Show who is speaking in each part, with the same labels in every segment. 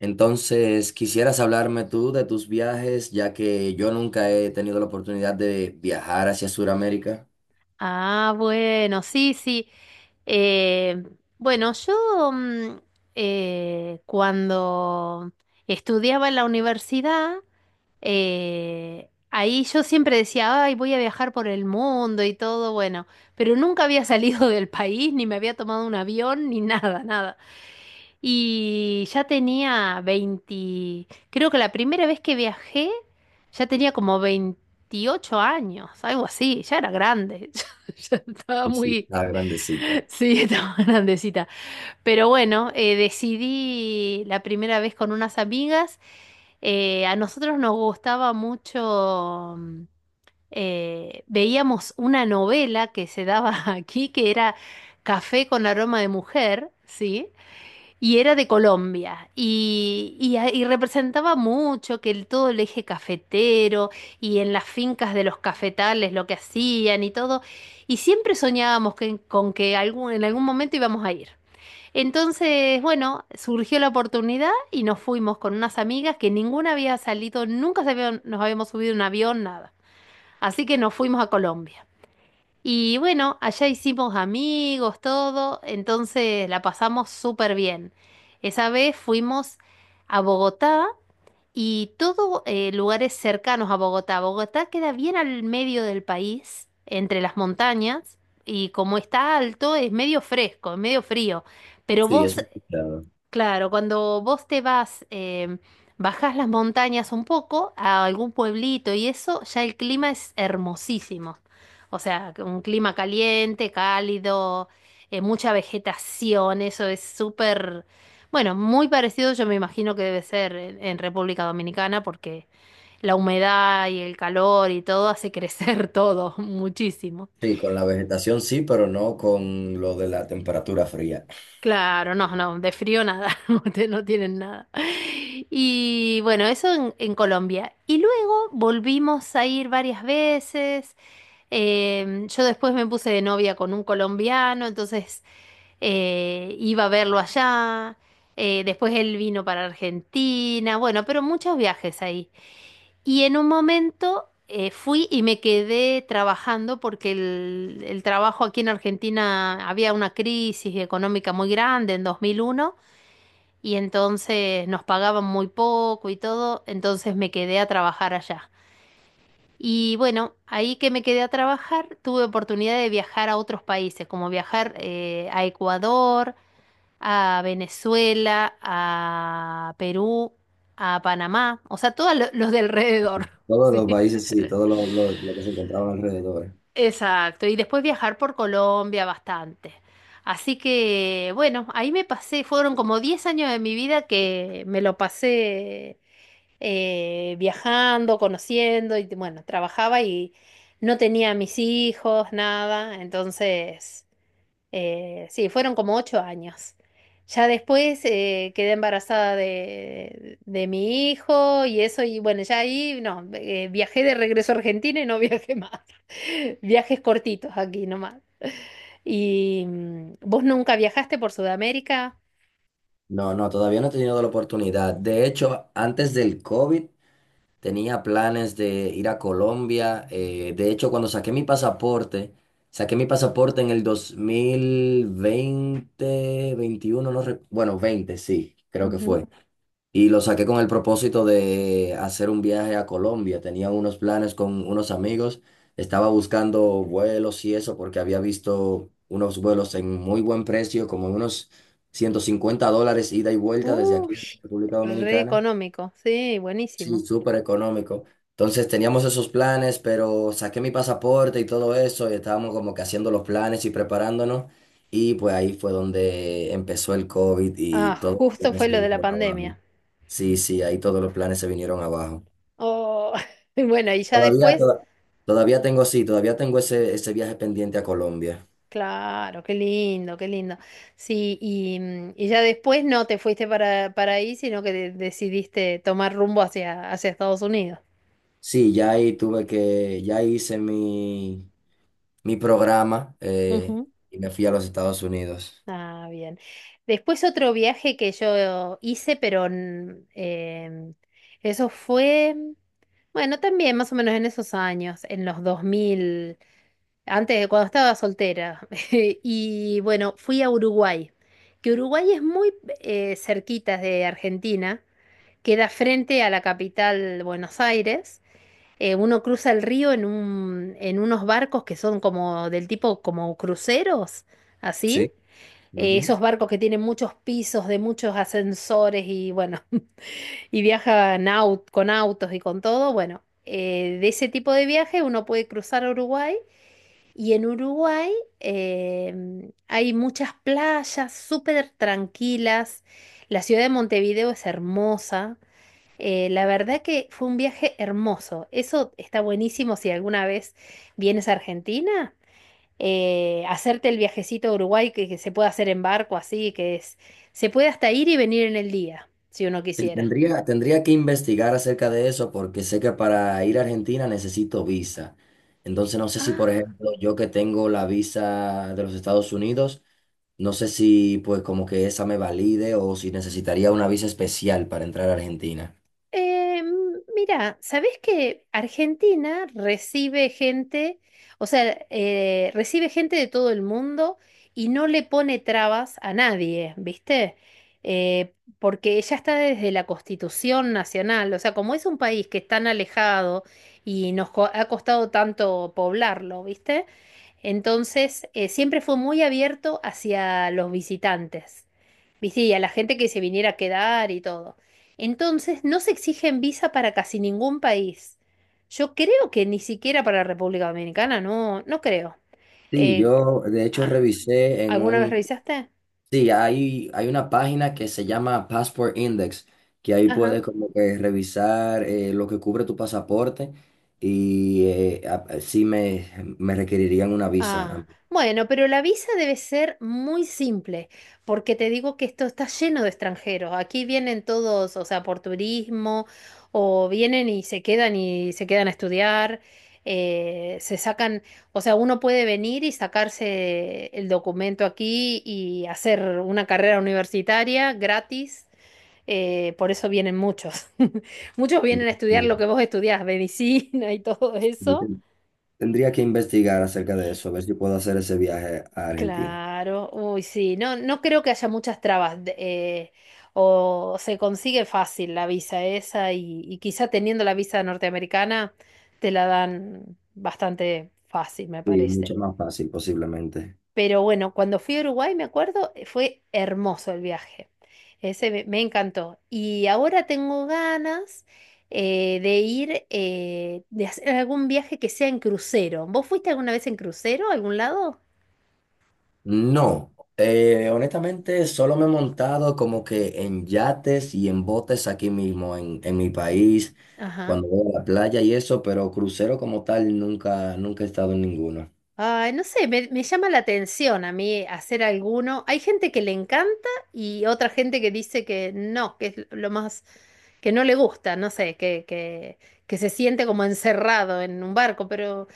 Speaker 1: Entonces, quisieras hablarme tú de tus viajes, ya que yo nunca he tenido la oportunidad de viajar hacia Sudamérica.
Speaker 2: Ah, bueno, sí, sí. Eh, bueno, yo cuando estudiaba en la universidad, ahí yo siempre decía, ay, voy a viajar por el mundo y todo, bueno, pero nunca había salido del país, ni me había tomado un avión, ni nada, nada. Y ya tenía 20 creo que la primera vez que viajé ya tenía como 28 años, algo así, ya era grande, ya estaba
Speaker 1: Y sí, ah,
Speaker 2: muy,
Speaker 1: claro. Grandecita.
Speaker 2: sí, estaba grandecita. Pero bueno, decidí la primera vez con unas amigas, a nosotros nos gustaba mucho, veíamos una novela que se daba aquí que era Café con aroma de mujer, ¿sí? Y era de Colombia y y representaba mucho que el, todo el eje cafetero y en las fincas de los cafetales lo que hacían y todo. Y siempre soñábamos que- con que algún, en algún momento íbamos a ir. Entonces, bueno, surgió la oportunidad y nos fuimos con unas amigas que ninguna había salido, nunca se habían- nos habíamos subido a un avión, nada. Así que nos fuimos a Colombia. Y bueno, allá hicimos amigos, todo, entonces la pasamos súper bien. Esa vez fuimos a Bogotá y todo lugares cercanos a Bogotá. Bogotá queda bien al medio del país, entre las montañas, y como está alto es medio fresco, es medio frío. Pero
Speaker 1: Sí,
Speaker 2: vos.
Speaker 1: eso he escuchado.
Speaker 2: Claro, cuando vos te vas, bajás las montañas un poco a algún pueblito y eso, ya el clima es hermosísimo. O sea, que un clima caliente, cálido, mucha vegetación, eso es súper, bueno, muy parecido yo me imagino que debe ser en República Dominicana porque la humedad y el calor y todo hace crecer todo muchísimo.
Speaker 1: Sí, con la vegetación sí, pero no con lo de la temperatura fría.
Speaker 2: Claro, no, no, de frío nada, no te- no tienen nada. Y bueno, eso en Colombia. Y luego volvimos a ir varias veces. Yo después me puse de novia con un colombiano, entonces iba a verlo allá. Después él vino para Argentina, bueno, pero muchos viajes ahí. Y en un momento fui y me quedé trabajando porque el trabajo aquí en Argentina había una crisis económica muy grande en 2001 y entonces nos pagaban muy poco y todo, entonces me quedé a trabajar allá. Y bueno, ahí que me quedé a trabajar, tuve oportunidad de viajar a otros países, como viajar a Ecuador, a Venezuela, a Perú, a Panamá, o sea, todos lo- los de alrededor.
Speaker 1: Todos
Speaker 2: Sí.
Speaker 1: los países sí, todos los que se encontraban alrededor.
Speaker 2: Exacto, y después viajar por Colombia bastante. Así que, bueno, ahí me pasé, fueron como 10 años de mi vida que me lo pasé viajando, conociendo, y bueno, trabajaba y no tenía mis hijos, nada, entonces sí, fueron como 8 años. Ya después quedé embarazada de mi hijo y eso, y bueno, ya ahí no, viajé de regreso a Argentina y no viajé más. Viajes cortitos aquí nomás. ¿Y vos nunca viajaste por Sudamérica?
Speaker 1: No, no, todavía no he tenido la oportunidad. De hecho, antes del COVID tenía planes de ir a Colombia. De hecho, cuando saqué mi pasaporte, en el 2020, 21, no recu- bueno, 20, sí, creo que
Speaker 2: Ujú.
Speaker 1: fue. Y lo saqué con el propósito de hacer un viaje a Colombia. Tenía unos planes con unos amigos. Estaba buscando vuelos y eso porque había visto unos vuelos en muy buen precio, como unos $150 ida y vuelta desde aquí,
Speaker 2: Uy,
Speaker 1: desde República
Speaker 2: re
Speaker 1: Dominicana.
Speaker 2: económico, sí,
Speaker 1: Sí,
Speaker 2: buenísimo.
Speaker 1: súper económico. Entonces teníamos esos planes, pero saqué mi pasaporte y todo eso, y estábamos como que haciendo los planes y preparándonos. Y pues ahí fue donde empezó el COVID y
Speaker 2: Ah,
Speaker 1: todos los
Speaker 2: justo
Speaker 1: planes
Speaker 2: fue
Speaker 1: se
Speaker 2: lo de la
Speaker 1: vinieron abajo.
Speaker 2: pandemia.
Speaker 1: Sí, sí, ahí todos los planes se vinieron abajo.
Speaker 2: Oh, bueno, y ya
Speaker 1: Todavía,
Speaker 2: después.
Speaker 1: todavía tengo, sí, todavía tengo ese, ese viaje pendiente a Colombia.
Speaker 2: Claro, qué lindo, qué lindo. Sí, y, y ya después no te fuiste para ahí, sino que de- decidiste tomar rumbo hacia, hacia Estados Unidos.
Speaker 1: Sí, ya ahí tuve que, ya hice mi, programa,
Speaker 2: Ujú.
Speaker 1: y me fui a los Estados Unidos.
Speaker 2: Ah, bien. Después otro viaje que yo hice, pero eso fue, bueno, también más o menos en esos años, en los 2000, antes de cuando estaba soltera. Y bueno, fui a Uruguay, que Uruguay es muy cerquita de Argentina. Queda frente a la capital Buenos Aires. Uno cruza el río en un, en unos barcos que son como del tipo como cruceros, así.
Speaker 1: Sí.
Speaker 2: Esos barcos que tienen muchos pisos, de muchos ascensores y bueno, y viajan au- con autos y con todo. Bueno, de ese tipo de viaje uno puede cruzar a Uruguay y en Uruguay hay muchas playas súper tranquilas. La ciudad de Montevideo es hermosa. La verdad que fue un viaje hermoso. Eso está buenísimo si alguna vez vienes a Argentina. Hacerte el viajecito a Uruguay que se puede hacer en barco así, que es, se puede hasta ir y venir en el día, si uno
Speaker 1: Sí,
Speaker 2: quisiera.
Speaker 1: tendría que investigar acerca de eso porque sé que para ir a Argentina necesito visa. Entonces no sé si, por
Speaker 2: Ah.
Speaker 1: ejemplo, yo que tengo la visa de los Estados Unidos, no sé si pues como que esa me valide o si necesitaría una visa especial para entrar a Argentina.
Speaker 2: Eh, mira, ¿sabés que Argentina recibe gente, o sea, recibe gente de todo el mundo y no le pone trabas a nadie, ¿viste? Porque ya está desde la Constitución Nacional, o sea, como es un país que es tan alejado y nos co- ha costado tanto poblarlo, ¿viste? Entonces, siempre fue muy abierto hacia los visitantes. ¿Viste? Y sí, a la gente que se viniera a quedar y todo. Entonces, no se exigen visa para casi ningún país. Yo creo que ni siquiera para República Dominicana, no, no creo.
Speaker 1: Sí,
Speaker 2: Eh,
Speaker 1: yo de hecho
Speaker 2: ah,
Speaker 1: revisé en
Speaker 2: ¿Alguna vez
Speaker 1: un.
Speaker 2: revisaste?
Speaker 1: Sí, hay una página que se llama Passport Index, que ahí
Speaker 2: Ajá.
Speaker 1: puedes como que revisar lo que cubre tu pasaporte y sí me, requerirían una visa.
Speaker 2: Ah, bueno, pero la visa debe ser muy simple, porque te digo que esto está lleno de extranjeros. Aquí vienen todos, o sea, por turismo, o vienen y se quedan a estudiar, se sacan, o sea, uno puede venir y sacarse el documento aquí y hacer una carrera universitaria gratis. Por eso vienen muchos. Muchos vienen a estudiar
Speaker 1: Y
Speaker 2: lo que vos estudiás, medicina y todo eso.
Speaker 1: ten- tendría que investigar acerca de eso, a ver si puedo hacer ese viaje a Argentina.
Speaker 2: Claro, uy, sí, no, no creo que haya muchas trabas de- o se consigue fácil la visa esa y quizá teniendo la visa norteamericana te la dan bastante fácil, me
Speaker 1: Sí, mucho
Speaker 2: parece.
Speaker 1: más fácil posiblemente.
Speaker 2: Pero bueno, cuando fui a Uruguay, me acuerdo, fue hermoso el viaje. Ese me, me encantó. Y ahora tengo ganas de ir, de hacer algún viaje que sea en crucero. ¿Vos fuiste alguna vez en crucero a algún lado?
Speaker 1: No, honestamente solo me he montado como que en yates y en botes aquí mismo en, mi país, cuando voy a la playa y eso, pero crucero como tal nunca, nunca he estado en ninguno.
Speaker 2: Ay, no sé, me llama la atención a mí hacer alguno. Hay gente que le encanta y otra gente que dice que no, que es lo más, que no le gusta, no sé, que se siente como encerrado en un barco,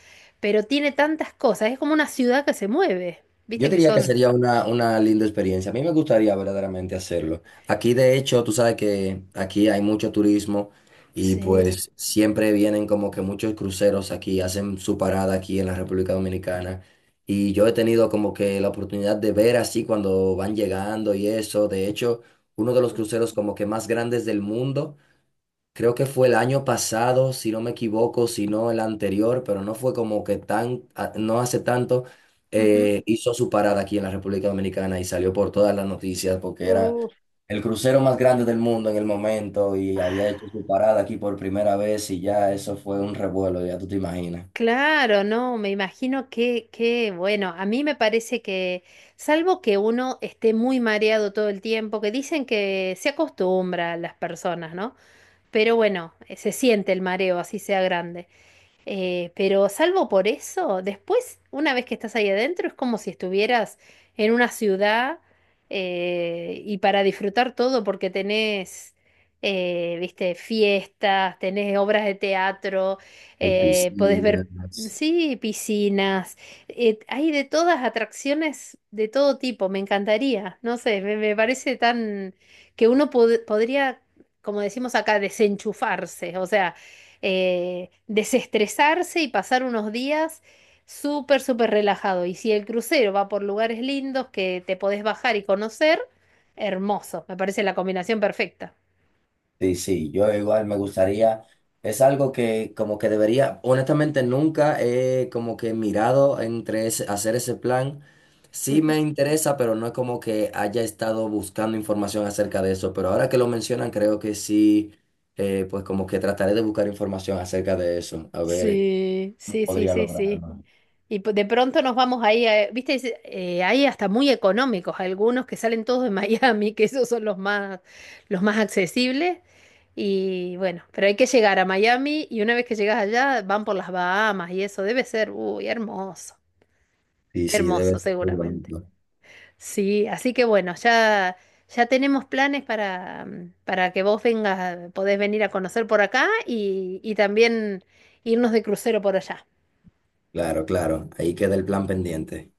Speaker 2: pero tiene tantas cosas, es como una ciudad que se mueve,
Speaker 1: Yo
Speaker 2: viste que
Speaker 1: diría que
Speaker 2: son.
Speaker 1: sería una, linda experiencia. A mí me gustaría verdaderamente hacerlo. Aquí, de hecho, tú sabes que aquí hay mucho turismo y
Speaker 2: Sí.
Speaker 1: pues siempre vienen como que muchos cruceros aquí, hacen su parada aquí en la República Dominicana. Y yo he tenido como que la oportunidad de ver así cuando van llegando y eso. De hecho, uno de los cruceros como que más grandes del mundo. Creo que fue el año pasado, si no me equivoco, si no el anterior, pero no fue como que tan, no hace tanto,
Speaker 2: Ujú.
Speaker 1: hizo su parada aquí en la República Dominicana y salió por todas las noticias porque era
Speaker 2: Uf.
Speaker 1: el crucero más grande del mundo en el momento y había hecho
Speaker 2: Ah.
Speaker 1: su parada aquí por primera vez y ya eso fue un revuelo, ya tú te imaginas.
Speaker 2: Claro, no, me imagino que, bueno, a mí me parece que, salvo que uno esté muy mareado todo el tiempo, que dicen que se acostumbra a las personas, ¿no? Pero bueno, se siente el mareo, así sea grande. Pero salvo por eso, después, una vez que estás ahí adentro, es como si estuvieras en una ciudad y para disfrutar todo, porque tenés, viste, fiestas, tenés obras de teatro,
Speaker 1: Hay
Speaker 2: podés ver,
Speaker 1: piscinas.
Speaker 2: sí, piscinas, hay de todas atracciones de todo tipo, me encantaría, no sé, me parece tan que uno pod- podría, como decimos acá, desenchufarse, o sea desestresarse y pasar unos días súper, súper relajado. Y si el crucero va por lugares lindos que te podés bajar y conocer, hermoso. Me parece la combinación perfecta.
Speaker 1: Sí, sí, yo igual me gustaría, es algo que como que debería, honestamente nunca he como que mirado entre hacer ese plan. Sí me interesa, pero no es como que haya estado buscando información acerca de eso, pero ahora que lo mencionan creo que sí, pues como que trataré de buscar información acerca de eso, a ver
Speaker 2: Sí,
Speaker 1: cómo
Speaker 2: sí, sí,
Speaker 1: podría
Speaker 2: sí, sí.
Speaker 1: lograrlo.
Speaker 2: Y p- de pronto nos vamos ahí, a- viste, es- hay hasta muy económicos, algunos que salen todos de Miami, que esos son los más accesibles. Y bueno, pero hay que llegar a Miami y una vez que llegas allá van por las Bahamas y eso debe ser, uy, hermoso,
Speaker 1: Sí, sí, debe
Speaker 2: hermoso
Speaker 1: ser muy
Speaker 2: seguramente.
Speaker 1: bonito.
Speaker 2: Sí, así que bueno, ya, ya tenemos planes para, para que vos vengas, podés venir a conocer por acá y también irnos de crucero por allá.
Speaker 1: Claro, claro, ahí queda el plan pendiente.